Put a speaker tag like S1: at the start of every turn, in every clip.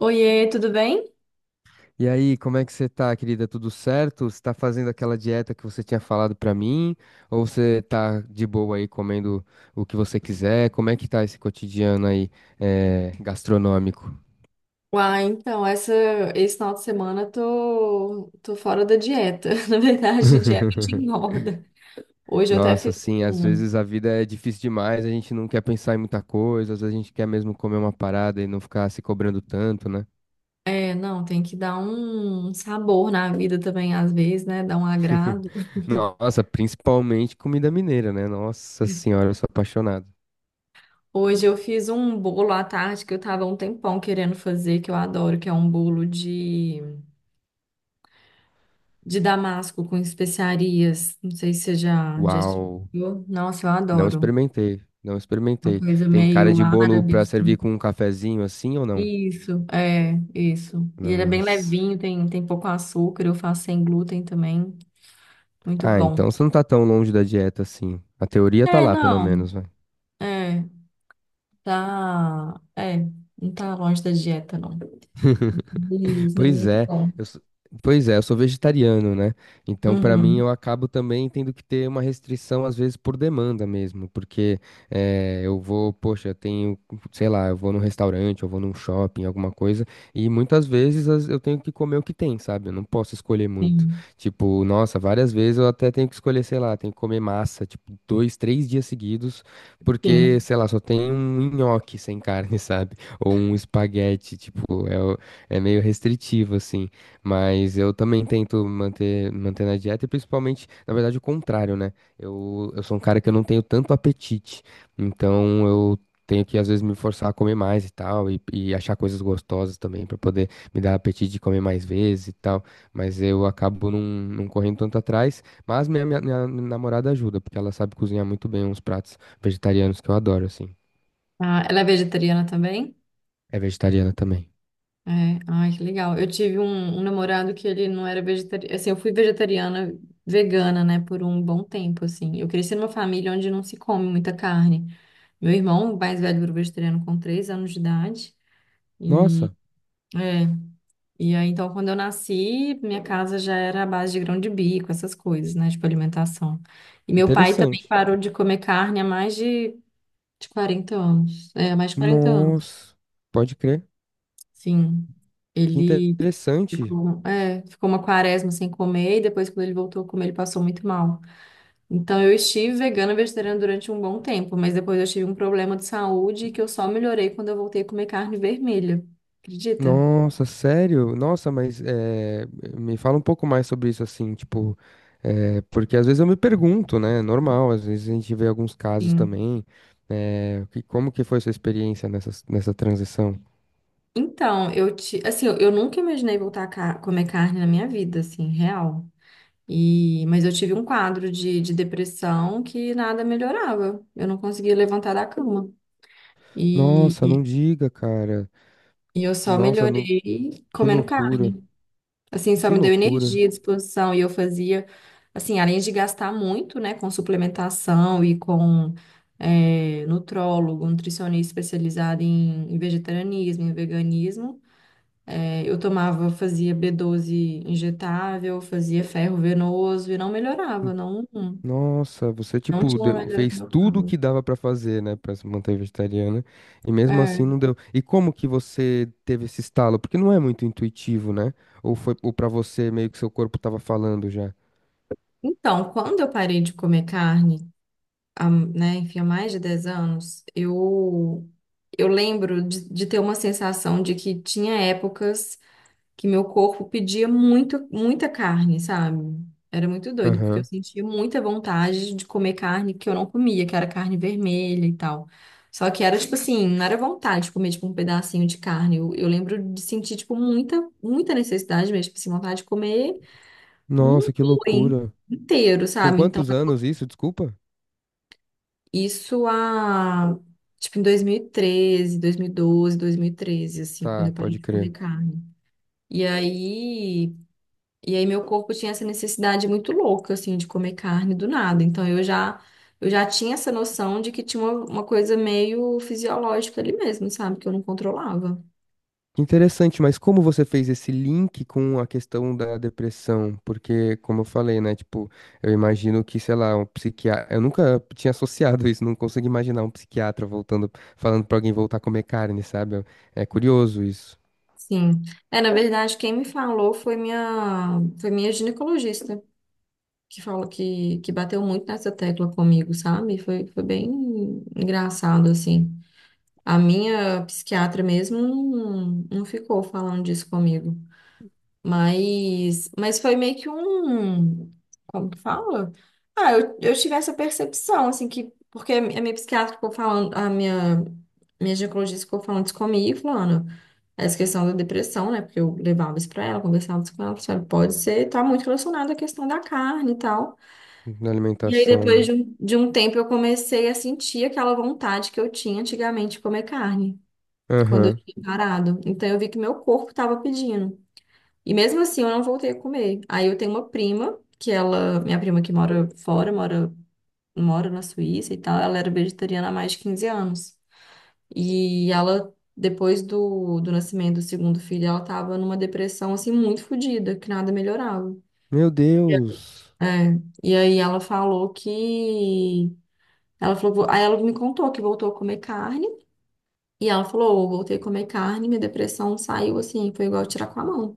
S1: Oiê, tudo bem?
S2: E aí, como é que você tá, querida? Tudo certo? Você tá fazendo aquela dieta que você tinha falado pra mim? Ou você tá de boa aí comendo o que você quiser? Como é que tá esse cotidiano aí, gastronômico?
S1: Uai, então, essa, Esse final de semana eu tô fora da dieta. Na verdade, dieta de engorda. Hoje eu até
S2: Nossa,
S1: fiz
S2: sim. Às
S1: um.
S2: vezes a vida é difícil demais, a gente não quer pensar em muita coisa, às vezes a gente quer mesmo comer uma parada e não ficar se cobrando tanto, né?
S1: É, não, Tem que dar um sabor na vida também, às vezes, né? Dar um agrado.
S2: Nossa, principalmente comida mineira, né? Nossa senhora, eu sou apaixonado.
S1: Hoje eu fiz um bolo à tarde que eu tava há um tempão querendo fazer, que eu adoro, que é um bolo de damasco com especiarias. Não sei se você já
S2: Uau!
S1: experimentou. Nossa, eu
S2: Não
S1: adoro.
S2: experimentei, não
S1: Uma
S2: experimentei.
S1: coisa
S2: Tem cara
S1: meio
S2: de bolo
S1: árabe
S2: pra servir
S1: assim.
S2: com um cafezinho assim ou não?
S1: Isso. E ele é bem
S2: Nossa.
S1: levinho, tem pouco açúcar, eu faço sem glúten também. Muito
S2: Ah,
S1: bom.
S2: então você não tá tão longe da dieta assim. A teoria tá
S1: É,
S2: lá, pelo
S1: não,
S2: menos.
S1: é, tá, é, não tá longe da dieta, não. Isso, mas
S2: Pois
S1: muito
S2: é,
S1: bom.
S2: eu sou, pois é, eu sou vegetariano, né? Então, pra mim,
S1: Uhum,
S2: eu acabo também tendo que ter uma restrição, às vezes, por demanda mesmo, porque eu vou, poxa, sei lá, eu vou num restaurante, eu vou num shopping, alguma coisa, e muitas vezes eu tenho que comer o que tem, sabe? Eu não posso escolher muito.
S1: sim,
S2: Tipo, nossa, várias vezes eu até tenho que escolher, sei lá, tenho que comer massa, tipo, dois, três dias seguidos, porque,
S1: sim.
S2: sei lá, só tem um nhoque sem carne, sabe? Ou um espaguete, é meio restritivo, assim, mas eu também tento manter, manter na dieta e principalmente, na verdade, o contrário, né? Eu sou um cara que eu não tenho tanto apetite, então eu tenho que, às vezes, me forçar a comer mais e tal, e achar coisas gostosas também, pra poder me dar apetite de comer mais vezes e tal, mas eu acabo não correndo tanto atrás, mas minha namorada ajuda, porque ela sabe cozinhar muito bem uns pratos vegetarianos que eu adoro, assim.
S1: Ah, ela é vegetariana também?
S2: É vegetariana também.
S1: É, ai, que legal. Eu tive um namorado que ele não era vegetariano, assim, eu fui vegetariana, vegana, né, por um bom tempo, assim. Eu cresci numa família onde não se come muita carne. Meu irmão mais velho virou vegetariano com três anos de idade. E,
S2: Nossa,
S1: é, e aí, então, quando eu nasci, minha casa já era à base de grão de bico, essas coisas, né? Tipo, alimentação. E meu pai também
S2: interessante.
S1: parou de comer carne há mais de 40 anos. É, há mais de 40 anos,
S2: Nossa, pode crer.
S1: sim.
S2: Que
S1: Ele
S2: interessante.
S1: ficou, é, ficou uma quaresma sem comer e depois, quando ele voltou a comer, ele passou muito mal. Então, eu estive vegana e vegetariana durante um bom tempo, mas depois eu tive um problema de saúde que eu só melhorei quando eu voltei a comer carne vermelha. Acredita?
S2: Nossa, sério? Me fala um pouco mais sobre isso, assim, tipo, é, porque às vezes eu me pergunto, né? Normal, às vezes a gente vê alguns casos
S1: Sim.
S2: também. É, como que foi sua experiência nessa, nessa transição?
S1: Então, assim, eu nunca imaginei voltar a comer carne na minha vida, assim, real. E, mas eu tive um quadro de depressão que nada melhorava. Eu não conseguia levantar da cama. E,
S2: Nossa, não
S1: e,
S2: diga, cara.
S1: e eu só
S2: Nossa, não,
S1: melhorei
S2: que
S1: comendo carne.
S2: loucura,
S1: Assim, só
S2: que
S1: me deu
S2: loucura.
S1: energia, disposição, e eu fazia, assim, além de gastar muito, né, com suplementação e com nutrólogo, nutricionista especializado em vegetarianismo, em veganismo, eu tomava, fazia B12 injetável, fazia ferro venoso e não melhorava, não,
S2: Nossa, você
S1: não
S2: tipo
S1: tinha uma melhora no
S2: fez
S1: meu
S2: tudo o
S1: corpo.
S2: que dava pra fazer, né? Pra se manter vegetariana e mesmo
S1: É.
S2: assim não deu. E como que você teve esse estalo? Porque não é muito intuitivo, né? Ou foi ou para você meio que seu corpo tava falando já?
S1: Então, quando eu parei de comer carne, há, né, enfim, há mais de 10 anos, eu lembro de ter uma sensação de que tinha épocas que meu corpo pedia muito, muita carne, sabe? Era muito doido, porque eu
S2: Aham.
S1: sentia muita vontade de comer carne que eu não comia, que era carne vermelha e tal. Só que era tipo assim, não era vontade de comer tipo um pedacinho de carne. Eu lembro de sentir tipo muita necessidade mesmo, tipo assim, vontade de comer um
S2: Nossa, que
S1: boi
S2: loucura.
S1: inteiro,
S2: Com
S1: sabe? Então
S2: quantos anos isso? Desculpa.
S1: isso há, tipo, em dois mil e treze, dois mil e doze, 2013, 2012, 13 assim, quando
S2: Tá,
S1: eu parei
S2: pode
S1: de comer
S2: crer.
S1: carne. E aí, e aí meu corpo tinha essa necessidade muito louca, assim, de comer carne do nada. Então eu já tinha essa noção de que tinha uma coisa meio fisiológica ali mesmo, sabe? Que eu não controlava.
S2: Interessante, mas como você fez esse link com a questão da depressão? Porque, como eu falei, né, tipo, eu imagino que, sei lá, um psiquiatra, eu nunca tinha associado isso, não consigo imaginar um psiquiatra voltando, falando pra alguém voltar a comer carne, sabe? É curioso isso,
S1: Sim. É, na verdade, quem me falou foi foi minha ginecologista. Que falou que bateu muito nessa tecla comigo, sabe? Foi bem engraçado, assim. A minha psiquiatra mesmo não ficou falando disso comigo. Mas foi meio que um. Como que fala? Ah, eu tive essa percepção, assim, que. Porque a minha psiquiatra ficou falando, a minha ginecologista ficou falando isso comigo, falando "Ah, essa questão da depressão, né? Porque eu levava isso pra ela, conversava isso com ela, sabe? Pode ser, tá muito relacionado à questão da carne e tal.
S2: na
S1: E aí,
S2: alimentação,
S1: depois
S2: né?
S1: de de um tempo, eu comecei a sentir aquela vontade que eu tinha antigamente de comer carne quando eu
S2: Aham.
S1: tinha parado. Então eu vi que meu corpo estava pedindo. E mesmo assim eu não voltei a comer. Aí eu tenho uma prima, que ela, minha prima que mora fora, mora na Suíça e tal, ela era vegetariana há mais de 15 anos. E ela, depois do nascimento do segundo filho, ela tava numa depressão assim muito fodida, que nada melhorava.
S2: Meu Deus.
S1: É, e aí ela falou que. Ela falou, aí ela me contou que voltou a comer carne. E ela falou, eu voltei a comer carne, minha depressão saiu assim, foi igual tirar com a mão.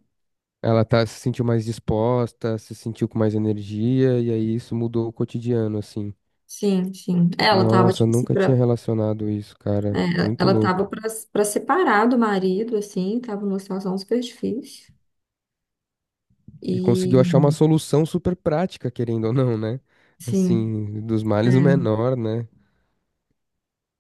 S2: Ela tá, se sentiu mais disposta, se sentiu com mais energia, e aí isso mudou o cotidiano, assim.
S1: Sim, sim. Ela tava,
S2: Nossa, eu
S1: tipo assim,
S2: nunca tinha relacionado isso, cara.
S1: é,
S2: Muito
S1: ela tava
S2: louco.
S1: pra separar do marido, assim, tava numa situação super difícil.
S2: E conseguiu achar uma
S1: E,
S2: solução super prática, querendo ou não, né?
S1: sim,
S2: Assim, dos males o
S1: é.
S2: menor, né?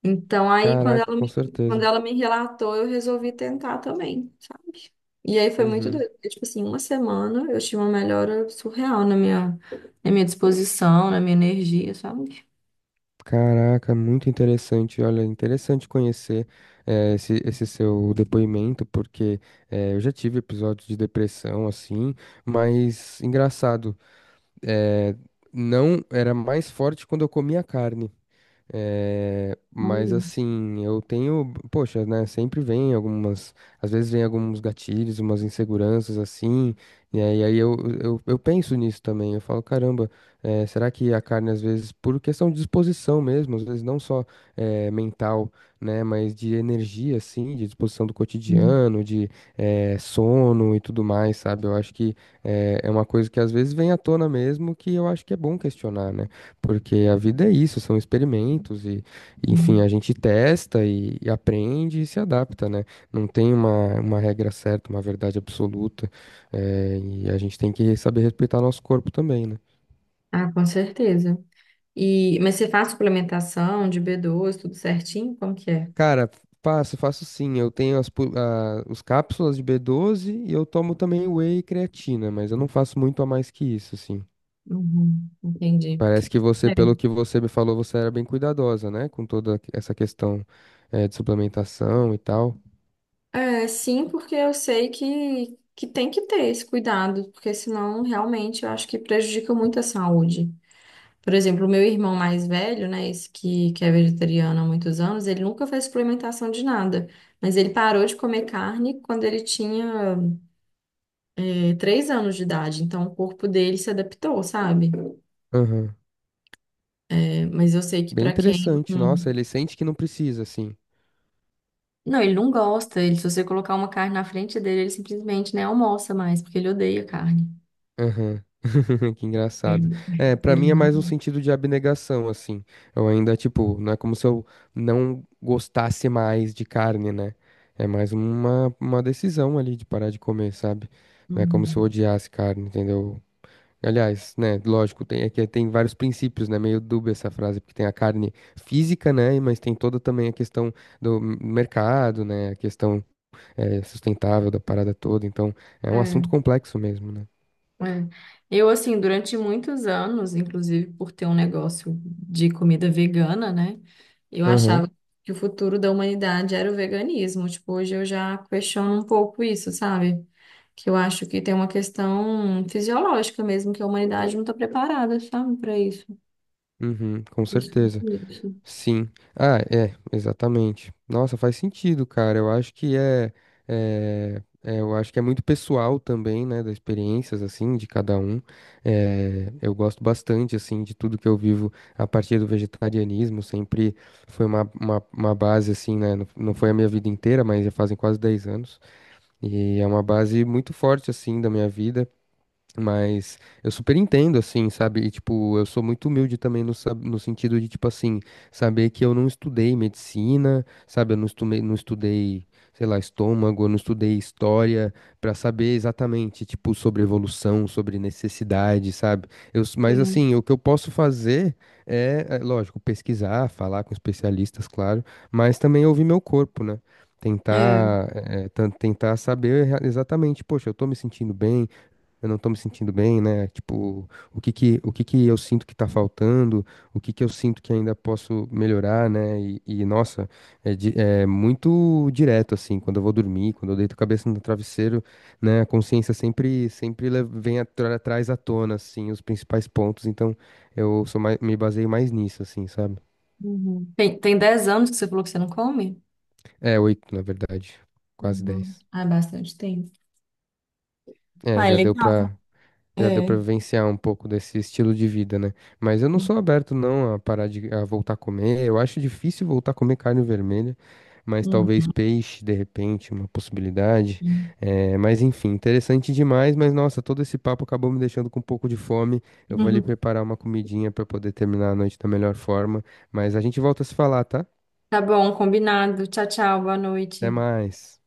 S1: Então, aí,
S2: Caraca, com
S1: quando
S2: certeza.
S1: ela me relatou, eu resolvi tentar também, sabe? E aí foi muito
S2: Uhum.
S1: doido, porque, tipo assim, uma semana eu tive uma melhora surreal na na minha disposição, na minha energia, sabe?
S2: Caraca, muito interessante. Olha, interessante conhecer esse seu depoimento, porque eu já tive episódios de depressão, assim, mas engraçado, eh, não era mais forte quando eu comia carne. É, mas
S1: Olha,
S2: assim, eu tenho, poxa, né, às vezes vem alguns gatilhos, umas inseguranças assim, e aí, aí eu, eu penso nisso também, eu falo, caramba, é, será que a carne às vezes, por questão de disposição mesmo, às vezes não só mental, né, mas de energia assim, de disposição do
S1: sim,
S2: cotidiano, de sono e tudo mais, sabe? Eu acho que é, é uma coisa que às vezes vem à tona mesmo, que eu acho que é bom questionar, né, porque a vida é isso, são experimentos enfim,
S1: sim.
S2: a gente testa e aprende e se adapta, né? Não tem uma regra certa, uma verdade absoluta, e a gente tem que saber respeitar nosso corpo também, né?
S1: Ah, com certeza. E, mas você faz suplementação de B12, tudo certinho? Como que é?
S2: Cara, faço, faço sim, eu tenho os cápsulas de B12 e eu tomo também whey e creatina, mas eu não faço muito a mais que isso, assim.
S1: Uhum, entendi.
S2: Parece que você,
S1: É.
S2: pelo que você me falou, você era bem cuidadosa, né? Com toda essa questão, de suplementação e tal.
S1: É, sim, porque eu sei que tem que ter esse cuidado, porque senão realmente eu acho que prejudica muito a saúde. Por exemplo, o meu irmão mais velho, né, esse que é vegetariano há muitos anos, ele nunca fez suplementação de nada, mas ele parou de comer carne quando ele tinha, três anos de idade, então o corpo dele se adaptou, sabe? É, mas eu sei que
S2: Bem
S1: para quem
S2: interessante, nossa,
S1: não.
S2: ele sente que não precisa, assim.
S1: Não, ele não gosta. Ele, se você colocar uma carne na frente dele, ele simplesmente nem almoça mais, porque ele odeia carne.
S2: Aham. Que engraçado.
S1: Ele,
S2: É, pra
S1: ele
S2: mim é
S1: não.
S2: mais um sentido de abnegação, assim. Eu ainda, tipo, não é como se eu não gostasse mais de carne, né? É mais uma decisão ali de parar de comer, sabe? Não é como se
S1: não-
S2: eu odiasse carne, entendeu? Aliás, né, lógico, tem, é que tem vários princípios, né? Meio dúbia essa frase, porque tem a carne física, né? Mas tem toda também a questão do mercado, né? A questão sustentável da parada toda. Então, é um
S1: É,
S2: assunto complexo mesmo, né?
S1: é. Eu, assim, durante muitos anos, inclusive por ter um negócio de comida vegana, né? Eu
S2: Aham,
S1: achava que o futuro da humanidade era o veganismo. Tipo, hoje eu já questiono um pouco isso, sabe? Que eu acho que tem uma questão fisiológica mesmo, que a humanidade não está preparada, sabe, para isso.
S2: uhum, com
S1: Isso,
S2: certeza.
S1: isso.
S2: Sim. Ah, é, exatamente. Nossa, faz sentido, cara. Eu acho que eu acho que é muito pessoal também, né, das experiências, assim, de cada um. É, eu gosto bastante, assim, de tudo que eu vivo a partir do vegetarianismo. Sempre foi uma base, assim, né, não, não foi a minha vida inteira, mas já fazem quase 10 anos. E é uma base muito forte, assim, da minha vida. Mas eu super entendo, assim, sabe? E, tipo, eu sou muito humilde também no sentido de, tipo, assim, saber que eu não estudei medicina, sabe? Eu não estudei, não estudei, sei lá, estômago, eu não estudei história pra saber exatamente, tipo, sobre evolução, sobre necessidade, sabe? Mas,
S1: Sim.
S2: assim, o que eu posso fazer é, lógico, pesquisar, falar com especialistas, claro, mas também ouvir meu corpo, né?
S1: É.
S2: Tentar, tentar saber exatamente, poxa, eu tô me sentindo bem, eu não tô me sentindo bem, né? Tipo, o que que eu sinto que tá faltando, o que que eu sinto que ainda posso melhorar, né? Nossa, é muito direto, assim, quando eu vou dormir, quando eu deito a cabeça no travesseiro, né? A consciência vem atrás à tona, assim, os principais pontos. Então, eu sou mais, me baseio mais nisso, assim, sabe?
S1: Uhum. Tem, tem 10 anos que você falou que você não come?
S2: É, oito, na verdade. Quase
S1: Uhum.
S2: dez.
S1: Ah, é bastante tempo.
S2: É,
S1: Ah, é
S2: já deu
S1: legal.
S2: pra. Já deu pra
S1: É.
S2: vivenciar um pouco desse estilo de vida, né? Mas eu não sou aberto não a parar de a voltar a comer. Eu acho difícil voltar a comer carne vermelha, mas
S1: Uhum.
S2: talvez peixe, de repente, uma possibilidade. É, mas enfim, interessante demais. Mas nossa, todo esse papo acabou me deixando com um pouco de fome. Eu vou ali
S1: Uhum.
S2: preparar uma comidinha pra poder terminar a noite da melhor forma. Mas a gente volta a se falar, tá?
S1: Tá bom, combinado. Tchau, tchau, boa
S2: Até
S1: noite.
S2: mais.